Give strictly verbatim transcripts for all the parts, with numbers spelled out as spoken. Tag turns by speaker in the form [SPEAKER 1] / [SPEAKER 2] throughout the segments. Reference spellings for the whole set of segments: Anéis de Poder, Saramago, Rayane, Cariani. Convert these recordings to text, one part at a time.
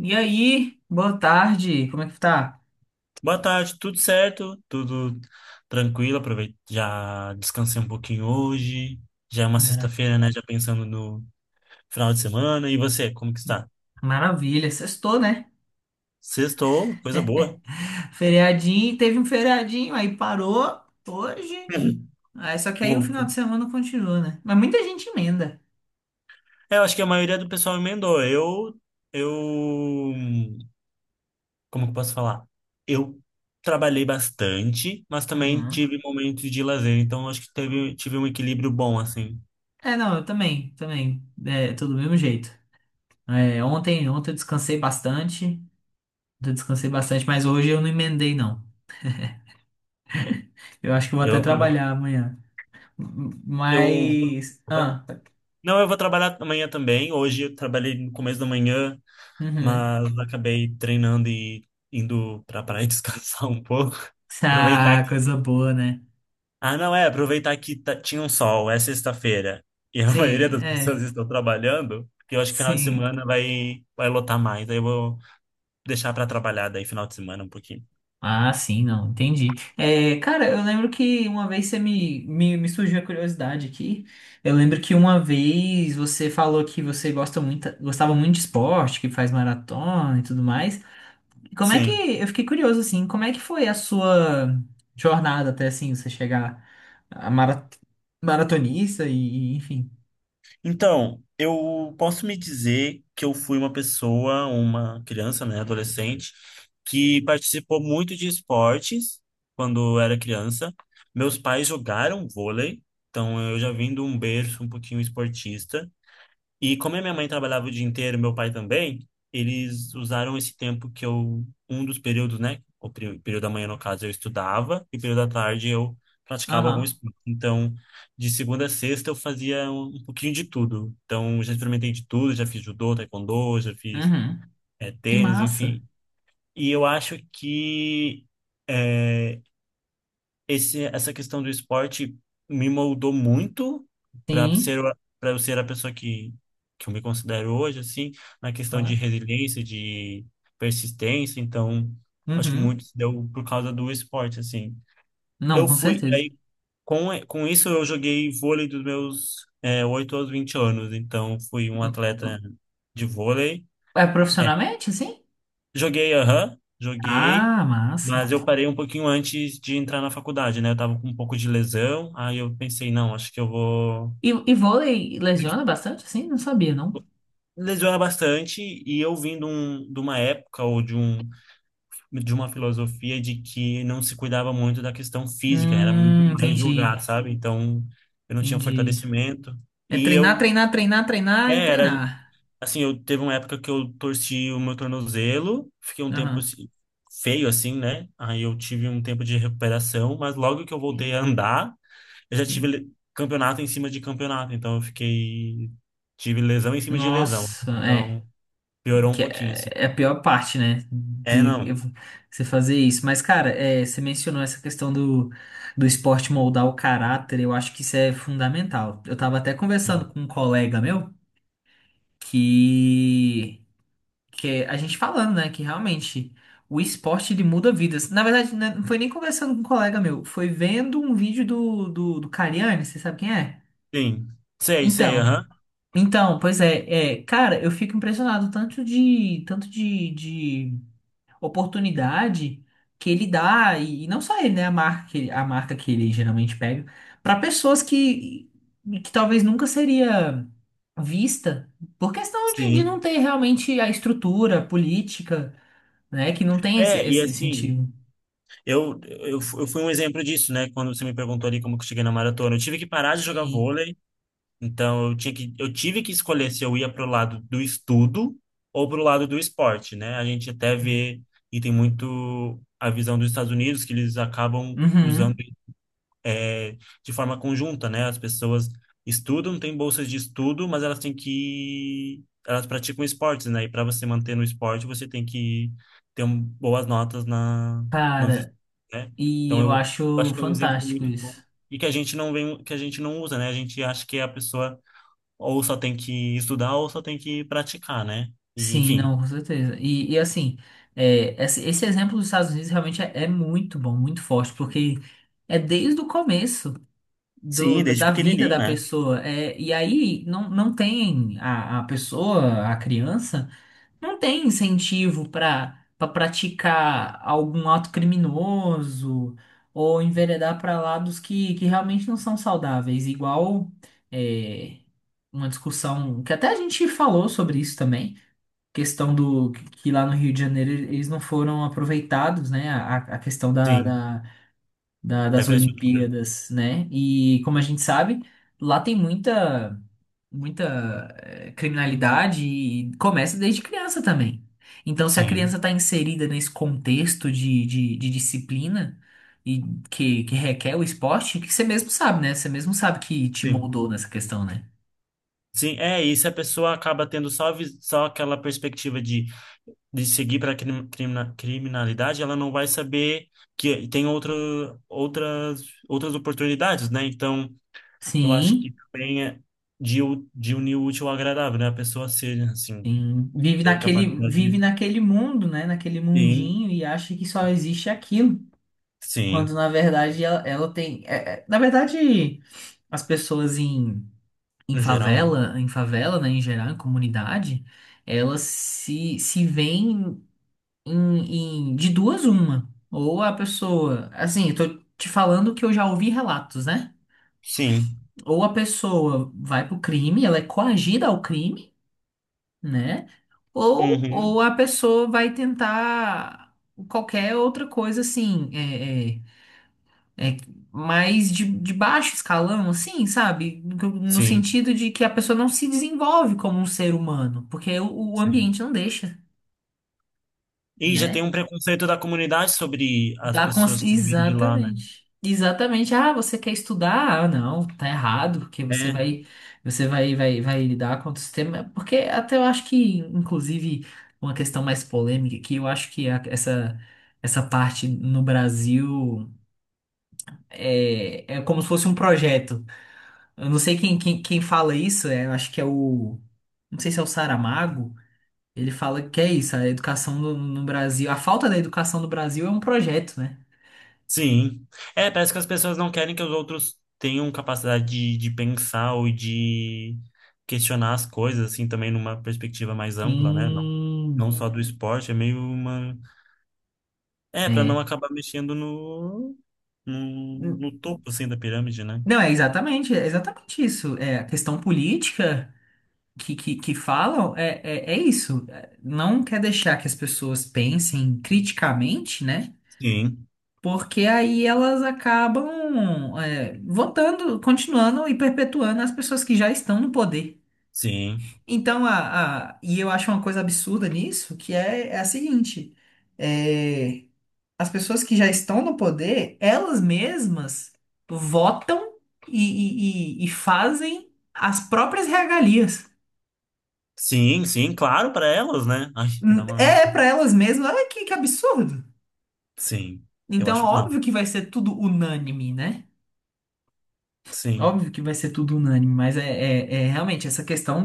[SPEAKER 1] E aí, boa tarde, como é que tá?
[SPEAKER 2] Boa tarde, tudo certo? Tudo tranquilo? Aproveito, já descansei um pouquinho hoje. Já é uma
[SPEAKER 1] Mara-
[SPEAKER 2] sexta-feira, né? Já pensando no final de semana. E você, como que está?
[SPEAKER 1] Maravilha, sextou, né?
[SPEAKER 2] Sextou, coisa boa.
[SPEAKER 1] Feriadinho, teve um feriadinho, aí parou hoje. Aí, só que aí o
[SPEAKER 2] Bom,
[SPEAKER 1] final de semana continua, né? Mas muita gente emenda.
[SPEAKER 2] É, eu acho que a maioria do pessoal emendou. Eu, eu, como que eu posso falar? Eu trabalhei bastante, mas também
[SPEAKER 1] Uhum.
[SPEAKER 2] tive momentos de lazer. Então, eu acho que teve, tive um equilíbrio bom, assim.
[SPEAKER 1] É, não, eu também, também. É, tô do mesmo jeito. É, ontem, ontem eu descansei bastante. Ontem eu descansei bastante, mas hoje eu não emendei, não. Eu acho que eu vou
[SPEAKER 2] E eu
[SPEAKER 1] até
[SPEAKER 2] aproveito.
[SPEAKER 1] trabalhar amanhã. M-
[SPEAKER 2] Eu,
[SPEAKER 1] Mas. Ah,
[SPEAKER 2] Não, eu vou trabalhar amanhã também. Hoje eu trabalhei no começo da manhã,
[SPEAKER 1] uhum.
[SPEAKER 2] mas acabei treinando e indo pra praia descansar um pouco. Aproveitar
[SPEAKER 1] Ah,
[SPEAKER 2] que...
[SPEAKER 1] coisa boa, né?
[SPEAKER 2] Ah, não, é, aproveitar que tá- tinha um sol, é sexta-feira, e a maioria
[SPEAKER 1] Sim,
[SPEAKER 2] das pessoas
[SPEAKER 1] é.
[SPEAKER 2] estão trabalhando, porque eu acho que final de
[SPEAKER 1] Sim.
[SPEAKER 2] semana vai, vai lotar mais. Aí eu vou deixar pra trabalhar daí final de semana um pouquinho.
[SPEAKER 1] Ah, sim, não, entendi. É, cara, eu lembro que uma vez você me, me, me surgiu a curiosidade aqui. Eu lembro que uma vez você falou que você gosta muito, gostava muito de esporte, que faz maratona e tudo mais. Como é que,
[SPEAKER 2] Sim.
[SPEAKER 1] eu fiquei curioso, assim, como é que foi a sua jornada até, assim, você chegar a mara, maratonista e, e, enfim.
[SPEAKER 2] Então, eu posso me dizer que eu fui uma pessoa, uma criança, né, adolescente, que participou muito de esportes quando era criança. Meus pais jogaram vôlei, então eu já vim de um berço um pouquinho esportista. E como a minha mãe trabalhava o dia inteiro, meu pai também, eles usaram esse tempo que eu, um dos períodos, né? O peri- período da manhã, no caso, eu estudava, e o período da tarde eu praticava algum
[SPEAKER 1] Aham,
[SPEAKER 2] esporte. Então, de segunda a sexta, eu fazia um, um pouquinho de tudo. Então, já experimentei de tudo, já fiz judô, taekwondo, já fiz
[SPEAKER 1] uhum.
[SPEAKER 2] eh,
[SPEAKER 1] Que
[SPEAKER 2] tênis,
[SPEAKER 1] massa.
[SPEAKER 2] enfim. E eu acho que. é, esse, essa questão do esporte me moldou muito para
[SPEAKER 1] Sim,
[SPEAKER 2] ser para eu ser a pessoa que que eu me considero hoje, assim, na questão de
[SPEAKER 1] claro.
[SPEAKER 2] resiliência, de persistência. Então acho que
[SPEAKER 1] Uhum.
[SPEAKER 2] muito se deu por causa do esporte, assim,
[SPEAKER 1] Não,
[SPEAKER 2] eu
[SPEAKER 1] com
[SPEAKER 2] fui
[SPEAKER 1] certeza.
[SPEAKER 2] aí, com com isso eu joguei vôlei dos meus é, oito aos vinte anos. Então fui um
[SPEAKER 1] Hum,
[SPEAKER 2] atleta
[SPEAKER 1] hum.
[SPEAKER 2] de vôlei.
[SPEAKER 1] É profissionalmente, assim?
[SPEAKER 2] Joguei, aham, joguei,
[SPEAKER 1] Ah, massa.
[SPEAKER 2] mas eu parei um pouquinho antes de entrar na faculdade, né? Eu tava com um pouco de lesão, aí eu pensei, não, acho que eu vou.
[SPEAKER 1] E, e vôlei
[SPEAKER 2] Porque
[SPEAKER 1] lesiona bastante, assim? Não sabia, não.
[SPEAKER 2] lesiona bastante, e eu vim de, um, de uma época, ou de, um, de uma filosofia de que não se cuidava muito da questão física, era muito
[SPEAKER 1] Hum,
[SPEAKER 2] mais
[SPEAKER 1] entendi,
[SPEAKER 2] jogar, sabe? Então eu não tinha
[SPEAKER 1] entendi.
[SPEAKER 2] fortalecimento,
[SPEAKER 1] É
[SPEAKER 2] e
[SPEAKER 1] treinar,
[SPEAKER 2] eu.
[SPEAKER 1] treinar, treinar, treinar
[SPEAKER 2] É,
[SPEAKER 1] e
[SPEAKER 2] era
[SPEAKER 1] treinar.
[SPEAKER 2] Assim, eu teve uma época que eu torci o meu tornozelo, fiquei um tempo
[SPEAKER 1] Aham.
[SPEAKER 2] assim, feio assim, né? Aí eu tive um tempo de recuperação, mas logo que eu voltei
[SPEAKER 1] Sim,
[SPEAKER 2] a andar, eu já tive
[SPEAKER 1] sim.
[SPEAKER 2] le- campeonato em cima de campeonato, então eu fiquei, tive lesão em cima de lesão.
[SPEAKER 1] Nossa, é,
[SPEAKER 2] Então, piorou um
[SPEAKER 1] que
[SPEAKER 2] pouquinho
[SPEAKER 1] é
[SPEAKER 2] assim.
[SPEAKER 1] é a pior parte, né?
[SPEAKER 2] É,
[SPEAKER 1] De eu-
[SPEAKER 2] não.
[SPEAKER 1] você fazer isso. Mas, cara, é, você mencionou essa questão do, do esporte moldar o caráter, eu acho que isso é fundamental. Eu tava até conversando
[SPEAKER 2] Sim.
[SPEAKER 1] com um colega meu que que é a gente falando, né, que realmente o esporte ele muda vidas. Na verdade, né, não foi nem conversando com um colega meu, foi vendo um vídeo do, do, do Cariani, você sabe quem é?
[SPEAKER 2] Sim. Sei, sei,
[SPEAKER 1] Então,
[SPEAKER 2] aham.
[SPEAKER 1] então, pois é, é, cara, eu fico impressionado tanto de, tanto de, de oportunidade que ele dá, e, e não só ele, né, a marca que, ele- a marca que ele geralmente pega, para pessoas que, que talvez nunca seria vista, por questão de, de não
[SPEAKER 2] Sim.
[SPEAKER 1] ter realmente a estrutura política, né? Que não tem esse,
[SPEAKER 2] É, e
[SPEAKER 1] esse
[SPEAKER 2] assim,
[SPEAKER 1] incentivo.
[SPEAKER 2] eu, eu, eu fui um exemplo disso, né? Quando você me perguntou ali como que eu cheguei na maratona. Eu tive que parar de jogar
[SPEAKER 1] Sim.
[SPEAKER 2] vôlei. Então eu tinha que, eu tive que escolher se eu ia para o lado do estudo ou para o lado do esporte, né? A gente até vê, e tem muito a visão dos Estados Unidos, que eles acabam usando,
[SPEAKER 1] Uhum.
[SPEAKER 2] é, de forma conjunta, né? As pessoas estudam, têm bolsas de estudo, mas elas têm que, elas praticam esportes, né? E para você manter no esporte, você tem que ter um, boas notas na, nos estudos,
[SPEAKER 1] Cara,
[SPEAKER 2] né?
[SPEAKER 1] e
[SPEAKER 2] Então
[SPEAKER 1] eu
[SPEAKER 2] eu
[SPEAKER 1] acho
[SPEAKER 2] acho que é um exemplo
[SPEAKER 1] fantástico
[SPEAKER 2] muito bom
[SPEAKER 1] isso.
[SPEAKER 2] e que a gente não vem, que a gente não usa, né? A gente acha que é a pessoa ou só tem que estudar ou só tem que praticar, né? E,
[SPEAKER 1] Sim,
[SPEAKER 2] enfim,
[SPEAKER 1] não, com certeza. E, e assim, é, esse, esse exemplo dos Estados Unidos realmente é, é muito bom, muito forte, porque é desde o começo do,
[SPEAKER 2] sim,
[SPEAKER 1] da
[SPEAKER 2] desde
[SPEAKER 1] da vida
[SPEAKER 2] pequenininho,
[SPEAKER 1] da
[SPEAKER 2] né?
[SPEAKER 1] pessoa. É, e aí não, não tem a, a pessoa, a criança. Não tem incentivo para para praticar algum ato criminoso ou enveredar para lados que, que realmente não são saudáveis. Igual é, uma discussão que até a gente falou sobre isso também, questão do que lá no Rio de Janeiro eles não foram aproveitados, né? A, a questão da,
[SPEAKER 2] Sim,
[SPEAKER 1] da, da-
[SPEAKER 2] da
[SPEAKER 1] das
[SPEAKER 2] infraestrutura.
[SPEAKER 1] Olimpíadas, né? E como a gente sabe, lá tem muita muita eh, criminalidade e começa desde criança também. Então, se a criança
[SPEAKER 2] Sim,
[SPEAKER 1] está inserida nesse contexto de, de, de disciplina e que, que requer o esporte, que você mesmo sabe, né? Você mesmo sabe que te
[SPEAKER 2] sim.
[SPEAKER 1] moldou nessa questão, né?
[SPEAKER 2] Sim, é, e se a pessoa acaba tendo só, vis- só aquela perspectiva de, de seguir para a criminalidade, ela não vai saber que tem outra, outras, outras oportunidades, né? Então, eu acho
[SPEAKER 1] Sim,
[SPEAKER 2] que também é de, u- de unir o útil ao agradável, né? A pessoa ser, assim,
[SPEAKER 1] sim. Vive
[SPEAKER 2] ter
[SPEAKER 1] naquele, vive
[SPEAKER 2] capacidade.
[SPEAKER 1] naquele mundo, né? Naquele
[SPEAKER 2] Sim,
[SPEAKER 1] mundinho e acha que só existe aquilo. Quando
[SPEAKER 2] sim,
[SPEAKER 1] na verdade ela, ela tem. É- é- na verdade, as pessoas em em
[SPEAKER 2] no geral, né?
[SPEAKER 1] favela, em favela, né, em geral, em comunidade, elas se, se veem em, em- de duas uma. Ou a pessoa, assim, eu tô te falando que eu já ouvi relatos, né?
[SPEAKER 2] Sim.
[SPEAKER 1] Ou a pessoa vai pro crime, ela é coagida ao crime, né? Ou, ou
[SPEAKER 2] Uhum.
[SPEAKER 1] a pessoa vai tentar qualquer outra coisa, assim, é, é, é, mais de, de baixo escalão, assim, sabe? No, no
[SPEAKER 2] Sim,
[SPEAKER 1] sentido de que a pessoa não se desenvolve como um ser humano, porque o, o
[SPEAKER 2] sim.
[SPEAKER 1] ambiente não deixa,
[SPEAKER 2] E já tem
[SPEAKER 1] né?
[SPEAKER 2] um preconceito da comunidade sobre as
[SPEAKER 1] Dá cons-
[SPEAKER 2] pessoas que vêm de lá, né?
[SPEAKER 1] Exatamente. Exatamente. Ah, você quer estudar? Ah, não, tá errado, porque você
[SPEAKER 2] É,
[SPEAKER 1] vai, você vai, vai, vai lidar contra o sistema. Porque até eu acho que, inclusive, uma questão mais polêmica que eu acho que a- essa, essa parte no Brasil é, é como se fosse um projeto. Eu não sei quem, quem, quem fala isso, é, eu acho que é o. Não sei se é o Saramago. Ele fala que é isso, a educação no, no Brasil. A falta da educação no Brasil é um projeto, né?
[SPEAKER 2] sim. É, parece que as pessoas não querem que os outros tenham capacidade de, de pensar ou de questionar as coisas, assim, também numa perspectiva mais ampla, né? Não,
[SPEAKER 1] Sim.
[SPEAKER 2] não só do esporte, é meio uma... É, para não
[SPEAKER 1] É.
[SPEAKER 2] acabar mexendo no, no, no topo, assim, da pirâmide, né?
[SPEAKER 1] Não, é exatamente, é exatamente isso. É, a questão política que, que, que falam é, é, é isso. É, não quer deixar que as pessoas pensem criticamente, né?
[SPEAKER 2] Sim,
[SPEAKER 1] Porque aí elas acabam, é, votando, continuando e perpetuando as pessoas que já estão no poder.
[SPEAKER 2] sim.
[SPEAKER 1] Então, a, a- e eu acho uma coisa absurda nisso, que é, é a seguinte: é, as pessoas que já estão no poder, elas mesmas votam e, e- e- e fazem as próprias regalias.
[SPEAKER 2] Sim, sim, claro, para elas, né? Ai, me dá
[SPEAKER 1] Hum,
[SPEAKER 2] uma...
[SPEAKER 1] É para elas mesmas, olha que, que absurdo.
[SPEAKER 2] Sim, eu
[SPEAKER 1] Então,
[SPEAKER 2] acho. Não,
[SPEAKER 1] óbvio que vai ser tudo unânime, né?
[SPEAKER 2] sim,
[SPEAKER 1] Óbvio que vai ser tudo unânime, mas é, é é realmente essa questão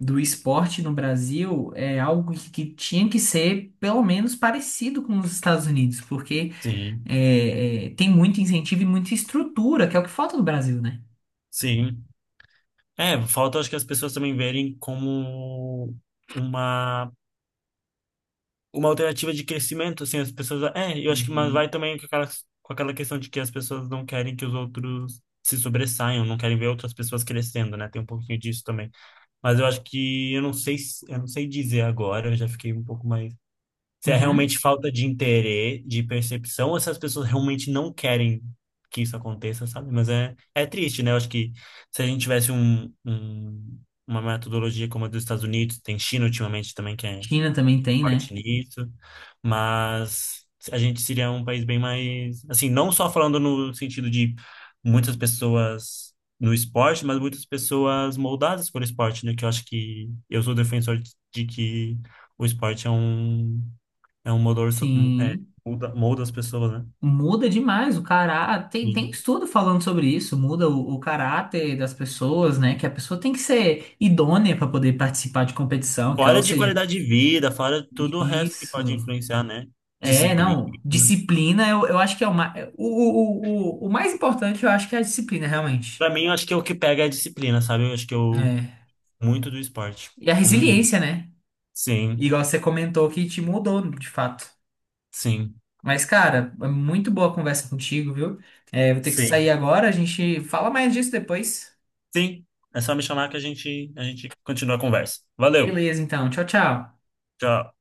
[SPEAKER 1] do esporte no Brasil é algo que, que tinha que ser pelo menos parecido com os Estados Unidos, porque
[SPEAKER 2] sim,
[SPEAKER 1] é, é, tem muito incentivo e muita estrutura, que é o que falta no Brasil, né?
[SPEAKER 2] sim. É, falta acho que as pessoas também verem como uma, uma alternativa de crescimento, assim, as pessoas. É, eu acho que mas vai
[SPEAKER 1] Uhum.
[SPEAKER 2] também com aquela, com aquela questão de que as pessoas não querem que os outros se sobressaiam, não querem ver outras pessoas crescendo, né? Tem um pouquinho disso também. Mas eu acho que eu não sei, se- eu não sei dizer agora, eu já fiquei um pouco mais. Se é
[SPEAKER 1] Uhum.
[SPEAKER 2] realmente falta de interesse, de percepção, ou se as pessoas realmente não querem que isso aconteça, sabe? Mas é, é triste, né? Eu acho que se a gente tivesse um, um- uma metodologia como a dos Estados Unidos, tem China ultimamente também que é
[SPEAKER 1] China também tem, né?
[SPEAKER 2] forte nisso, mas a gente seria um país bem mais, assim, não só falando no sentido de muitas pessoas no esporte, mas muitas pessoas moldadas por esporte, né? Que eu acho que eu sou defensor de de que o esporte é um, é um motor, so- um- é,
[SPEAKER 1] Sim.
[SPEAKER 2] molda, molda as pessoas, né?
[SPEAKER 1] Muda demais o caráter. Tem, tem
[SPEAKER 2] Sim.
[SPEAKER 1] estudo falando sobre isso. Muda o, o caráter das pessoas, né? Que a pessoa tem que ser idônea para poder participar de competição, que, é, ou
[SPEAKER 2] Fora de
[SPEAKER 1] seja,
[SPEAKER 2] qualidade de vida, fora tudo o resto que pode
[SPEAKER 1] isso.
[SPEAKER 2] influenciar, né?
[SPEAKER 1] É,
[SPEAKER 2] Disciplina.
[SPEAKER 1] não. Disciplina, eu, eu acho que é o, mais. O, o, o, o mais importante, eu acho que é a disciplina, realmente.
[SPEAKER 2] Pra mim, eu acho que o que pega é a disciplina, sabe? Eu acho que eu...
[SPEAKER 1] É.
[SPEAKER 2] Muito do esporte.
[SPEAKER 1] E a
[SPEAKER 2] Uhum.
[SPEAKER 1] resiliência, né?
[SPEAKER 2] Sim,
[SPEAKER 1] Igual você comentou que te mudou, de fato.
[SPEAKER 2] sim,
[SPEAKER 1] Mas, cara, é muito boa a conversa contigo, viu? É, vou ter que
[SPEAKER 2] sim.
[SPEAKER 1] sair agora, a gente fala mais disso depois.
[SPEAKER 2] Sim, é só me chamar que a gente, a gente continua a conversa. Valeu,
[SPEAKER 1] Beleza, então. Tchau, tchau.
[SPEAKER 2] tchau.